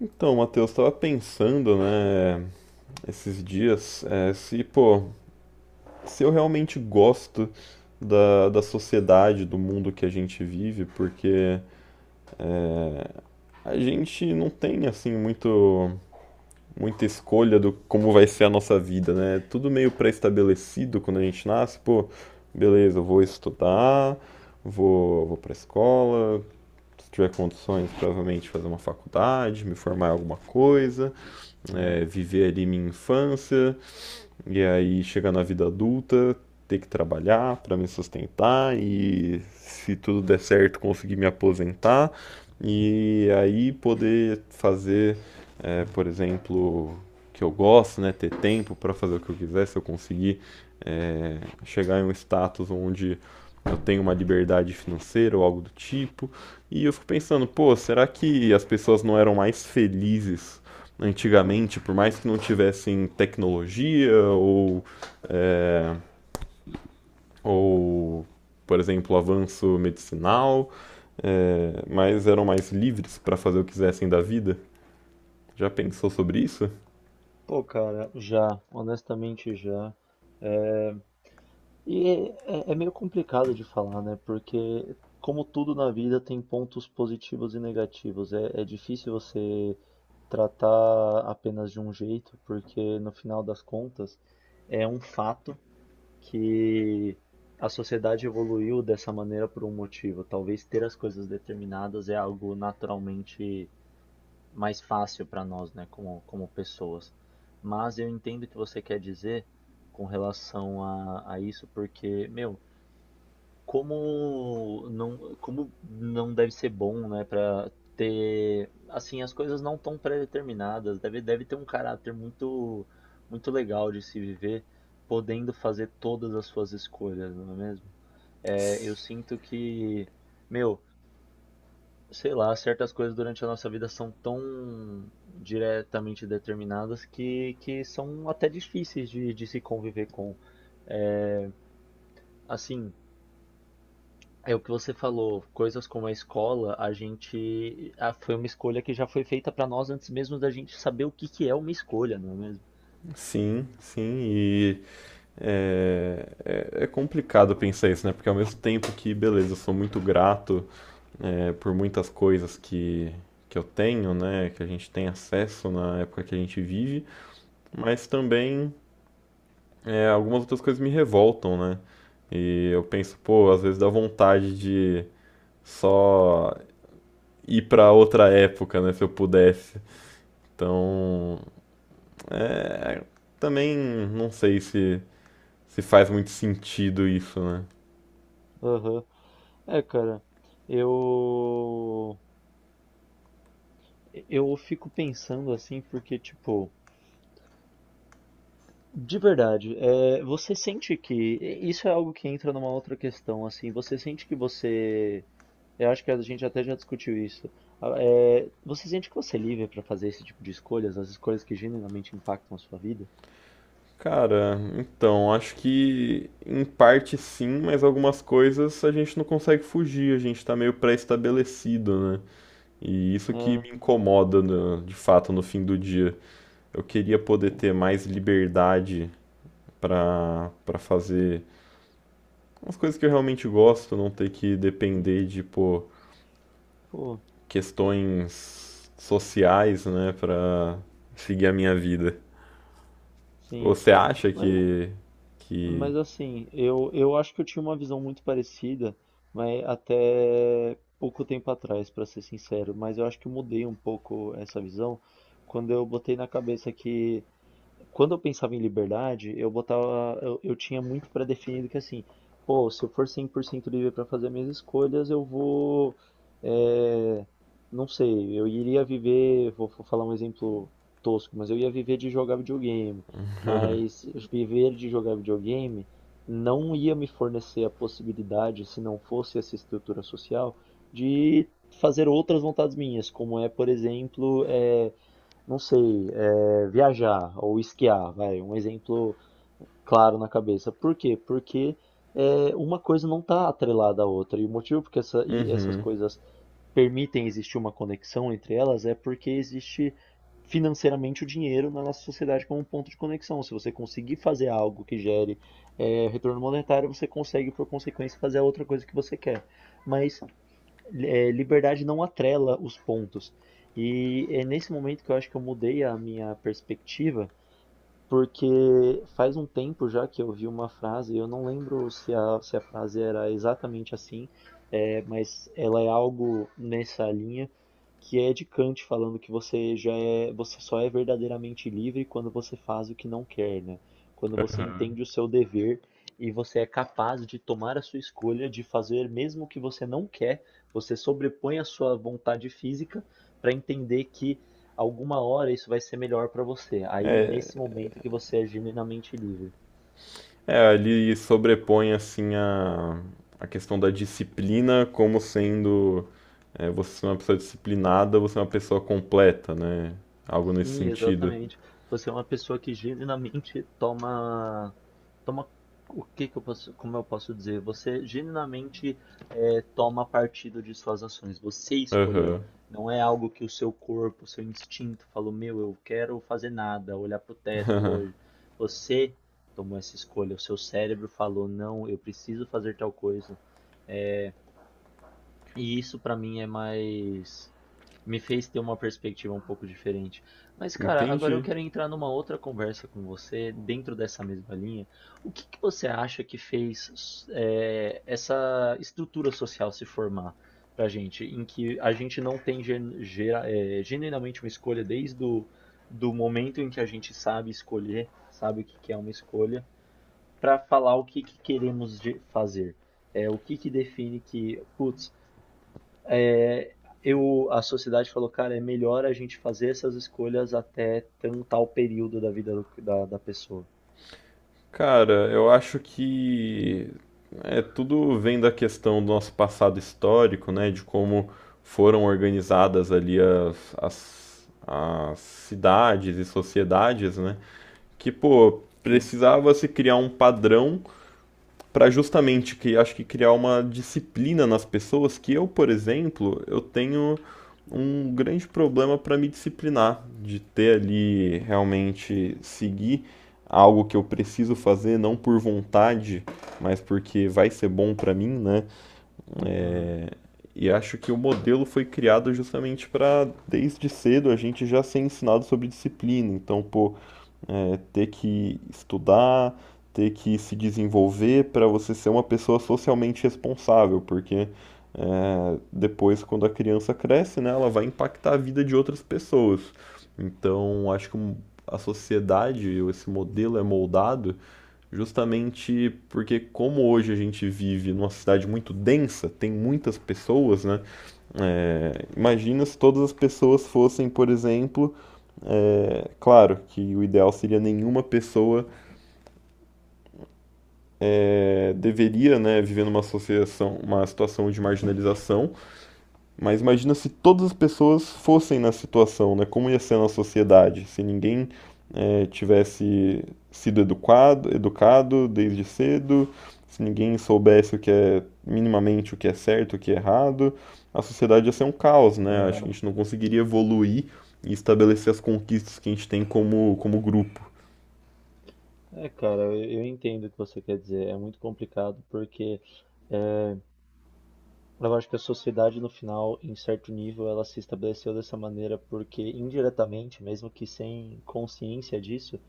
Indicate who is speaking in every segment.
Speaker 1: Então, Matheus, estava pensando, né, esses dias, se, pô, se eu realmente gosto da sociedade, do mundo que a gente vive, porque é, a gente não tem, assim, muita escolha do como vai ser a nossa vida, né? É tudo meio pré-estabelecido quando a gente nasce, pô, beleza, eu vou estudar, vou pra escola, se tiver condições, provavelmente fazer uma faculdade, me formar em alguma coisa
Speaker 2: Sim.
Speaker 1: viver ali minha infância e aí chegar na vida adulta, ter que trabalhar para me sustentar e se tudo der certo conseguir me aposentar e aí poder fazer, por exemplo, que eu gosto, né, ter tempo para fazer o que eu quiser, se eu conseguir eh, chegar em um status onde eu tenho uma liberdade financeira ou algo do tipo. E eu fico pensando, pô, será que as pessoas não eram mais felizes antigamente, por mais que não tivessem tecnologia é, ou por exemplo, avanço medicinal, é, mas eram mais livres para fazer o que quisessem da vida. Já pensou sobre isso?
Speaker 2: Pô, cara, já, honestamente já. É meio complicado de falar, né? Porque, como tudo na vida, tem pontos positivos e negativos. É difícil você tratar apenas de um jeito, porque no final das contas é um fato que a sociedade evoluiu dessa maneira por um motivo. Talvez ter as coisas determinadas é algo naturalmente mais fácil para nós, né, como pessoas. Mas eu entendo o que você quer dizer com relação a isso, porque, meu, como não deve ser bom, né, para ter, assim, as coisas não tão pré-determinadas, deve ter um caráter muito legal de se viver, podendo fazer todas as suas escolhas, não é mesmo? É, eu sinto que, meu, sei lá, certas coisas durante a nossa vida são tão diretamente determinadas que são até difíceis de se conviver com. É, assim, é o que você falou, coisas como a escola, foi uma escolha que já foi feita para nós antes mesmo da gente saber o que que é uma escolha, não é mesmo?
Speaker 1: Sim, sim, e é, é complicado pensar isso, né? Porque ao mesmo tempo que, beleza, eu sou muito grato, por muitas coisas que eu tenho, né? Que a gente tem acesso na época que a gente vive, mas também é, algumas outras coisas me revoltam, né? E eu penso, pô, às vezes dá vontade de só ir pra outra época, né, se eu pudesse. Então, é, também não sei se faz muito sentido isso, né?
Speaker 2: Aham. É, cara, eu eu fico pensando assim porque tipo de verdade, você sente que isso é algo que entra numa outra questão, assim, você sente que você, eu acho que a gente até já discutiu isso. Você sente que você é livre para fazer esse tipo de escolhas, as escolhas que genuinamente impactam a sua vida?
Speaker 1: Cara, então, acho que em parte sim, mas algumas coisas a gente não consegue fugir, a gente tá meio pré-estabelecido, né? E isso que
Speaker 2: É,
Speaker 1: me incomoda, né, de fato, no fim do dia. Eu queria poder
Speaker 2: é,
Speaker 1: ter mais liberdade para fazer umas coisas que eu realmente gosto, não ter que
Speaker 2: sim.
Speaker 1: depender de, pô,
Speaker 2: Pô,
Speaker 1: questões sociais, né, para seguir a minha vida.
Speaker 2: sim.
Speaker 1: Você acha
Speaker 2: Mas,
Speaker 1: que
Speaker 2: mas assim, eu acho que eu tinha uma visão muito parecida, mas até pouco tempo atrás, para ser sincero. Mas eu acho que eu mudei um pouco essa visão quando eu botei na cabeça que quando eu pensava em liberdade, eu tinha muito pré-definido que assim, pô, se eu for 100% livre para fazer minhas escolhas, é, não sei, eu iria viver, vou falar um exemplo tosco, mas eu ia viver de jogar videogame, mas viver de jogar videogame não ia me fornecer a possibilidade, se não fosse essa estrutura social, de fazer outras vontades minhas, como por exemplo, não sei, viajar ou esquiar, vai, um exemplo claro na cabeça. Por quê? Porque uma coisa não está atrelada à outra. E o motivo porque essas
Speaker 1: Uhum.
Speaker 2: coisas permitem existir uma conexão entre elas é porque existe financeiramente o dinheiro na nossa sociedade como um ponto de conexão. Se você conseguir fazer algo que gere retorno monetário, você consegue, por consequência, fazer a outra coisa que você quer. Mas liberdade não atrela os pontos. E é nesse momento que eu acho que eu mudei a minha perspectiva porque faz um tempo já que eu vi uma frase, eu não lembro se a frase era exatamente assim, mas ela é algo nessa linha que é de Kant falando que você só é verdadeiramente livre quando você faz o que não quer, né? Quando você entende o seu dever e você é capaz de tomar a sua escolha de fazer mesmo o que você não quer, você sobrepõe a sua vontade física para entender que alguma hora isso vai ser melhor para você. Aí,
Speaker 1: É,
Speaker 2: nesse momento que você é genuinamente livre.
Speaker 1: ele sobrepõe assim a questão da disciplina como sendo, é, você é uma pessoa disciplinada, você é uma pessoa completa, né? Algo nesse
Speaker 2: Sim,
Speaker 1: sentido.
Speaker 2: exatamente. Você é uma pessoa que genuinamente toma o que que eu posso, como eu posso dizer? Você genuinamente toma partido de suas ações. Você escolheu.
Speaker 1: Aham.
Speaker 2: Não é algo que o seu corpo, o seu instinto falou, meu, eu quero fazer nada, olhar pro teto hoje. Você tomou essa escolha. O seu cérebro falou, não, eu preciso fazer tal coisa. E isso pra mim é mais me fez ter uma perspectiva um pouco diferente. Mas cara, agora eu
Speaker 1: Entendi.
Speaker 2: quero entrar numa outra conversa com você dentro dessa mesma linha. O que que você acha que fez essa estrutura social se formar pra gente, em que a gente não tem genuinamente uma escolha desde o do momento em que a gente sabe escolher, sabe o que que é uma escolha, pra falar o que que queremos fazer. É o que que define que, putz, é, a sociedade falou, cara, é melhor a gente fazer essas escolhas até tal período da vida da pessoa.
Speaker 1: Cara, eu acho que é, tudo vem da questão do nosso passado histórico, né? De como foram organizadas ali as cidades e sociedades, né? Que, pô,
Speaker 2: Sim.
Speaker 1: precisava se criar um padrão para justamente que acho que criar uma disciplina nas pessoas que eu, por exemplo, eu tenho um grande problema para me disciplinar, de ter ali realmente seguir algo que eu preciso fazer não por vontade, mas porque vai ser bom para mim, né?
Speaker 2: Aham.
Speaker 1: E acho que o modelo foi criado justamente para desde cedo a gente já ser ensinado sobre disciplina. Então, pô, é ter que estudar, ter que se desenvolver para você ser uma pessoa socialmente responsável, porque é, depois, quando a criança cresce, né, ela vai impactar a vida de outras pessoas. Então, acho que a sociedade, ou esse modelo é moldado justamente porque, como hoje a gente vive numa cidade muito densa, tem muitas pessoas, né? É, imagina se todas as pessoas fossem, por exemplo, é, claro que o ideal seria nenhuma pessoa, é, deveria, né, viver numa associação, uma situação de marginalização, mas imagina se todas as pessoas fossem na situação, né, como ia ser na sociedade, se ninguém, é, tivesse sido educado desde cedo, se ninguém soubesse o que é minimamente o que é certo, o que é errado, a sociedade ia ser um caos, né? Acho que a
Speaker 2: Aham.
Speaker 1: gente não conseguiria evoluir e estabelecer as conquistas que a gente tem como, como grupo.
Speaker 2: É, cara, eu entendo o que você quer dizer. É muito complicado porque eu acho que a sociedade, no final, em certo nível, ela se estabeleceu dessa maneira porque, indiretamente, mesmo que sem consciência disso,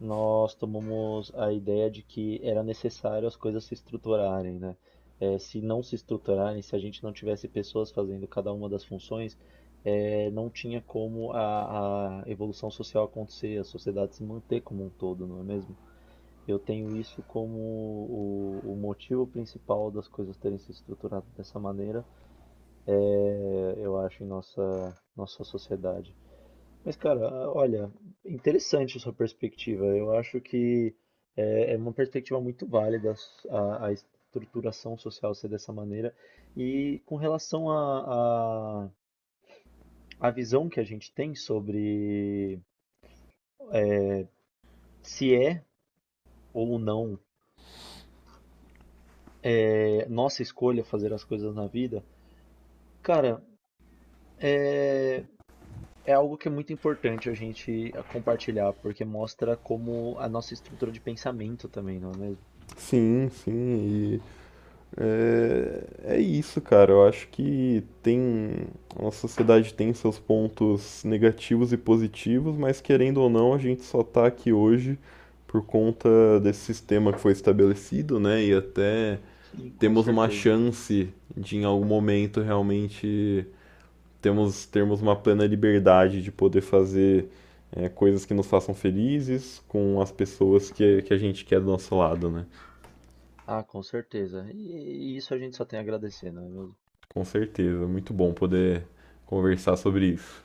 Speaker 2: nós tomamos a ideia de que era necessário as coisas se estruturarem, né? Se não se estruturarem, se a gente não tivesse pessoas fazendo cada uma das funções, não tinha como a evolução social acontecer, a sociedade se manter como um todo, não é mesmo? Eu tenho isso como o motivo principal das coisas terem se estruturado dessa maneira, eu acho, em nossa sociedade. Mas, cara, olha, interessante a sua perspectiva. Eu acho que é uma perspectiva muito válida a estruturação social ser dessa maneira. E com relação à visão que a gente tem sobre se é ou não nossa escolha fazer as coisas na vida, cara, é, é algo que é muito importante a gente compartilhar, porque mostra como a nossa estrutura de pensamento também, não é mesmo?
Speaker 1: Sim, sim, e é, é isso, cara. Eu acho que tem. A nossa sociedade tem seus pontos negativos e positivos, mas querendo ou não, a gente só tá aqui hoje por conta desse sistema que foi estabelecido, né? E até
Speaker 2: Sim. Com
Speaker 1: temos uma
Speaker 2: certeza.
Speaker 1: chance de, em algum momento, realmente termos uma plena liberdade de poder fazer, é, coisas que nos façam felizes com as pessoas que a gente quer do nosso lado, né?
Speaker 2: Ah, com certeza. E isso a gente só tem a agradecer, não é mesmo?
Speaker 1: Com certeza, muito bom poder conversar sobre isso.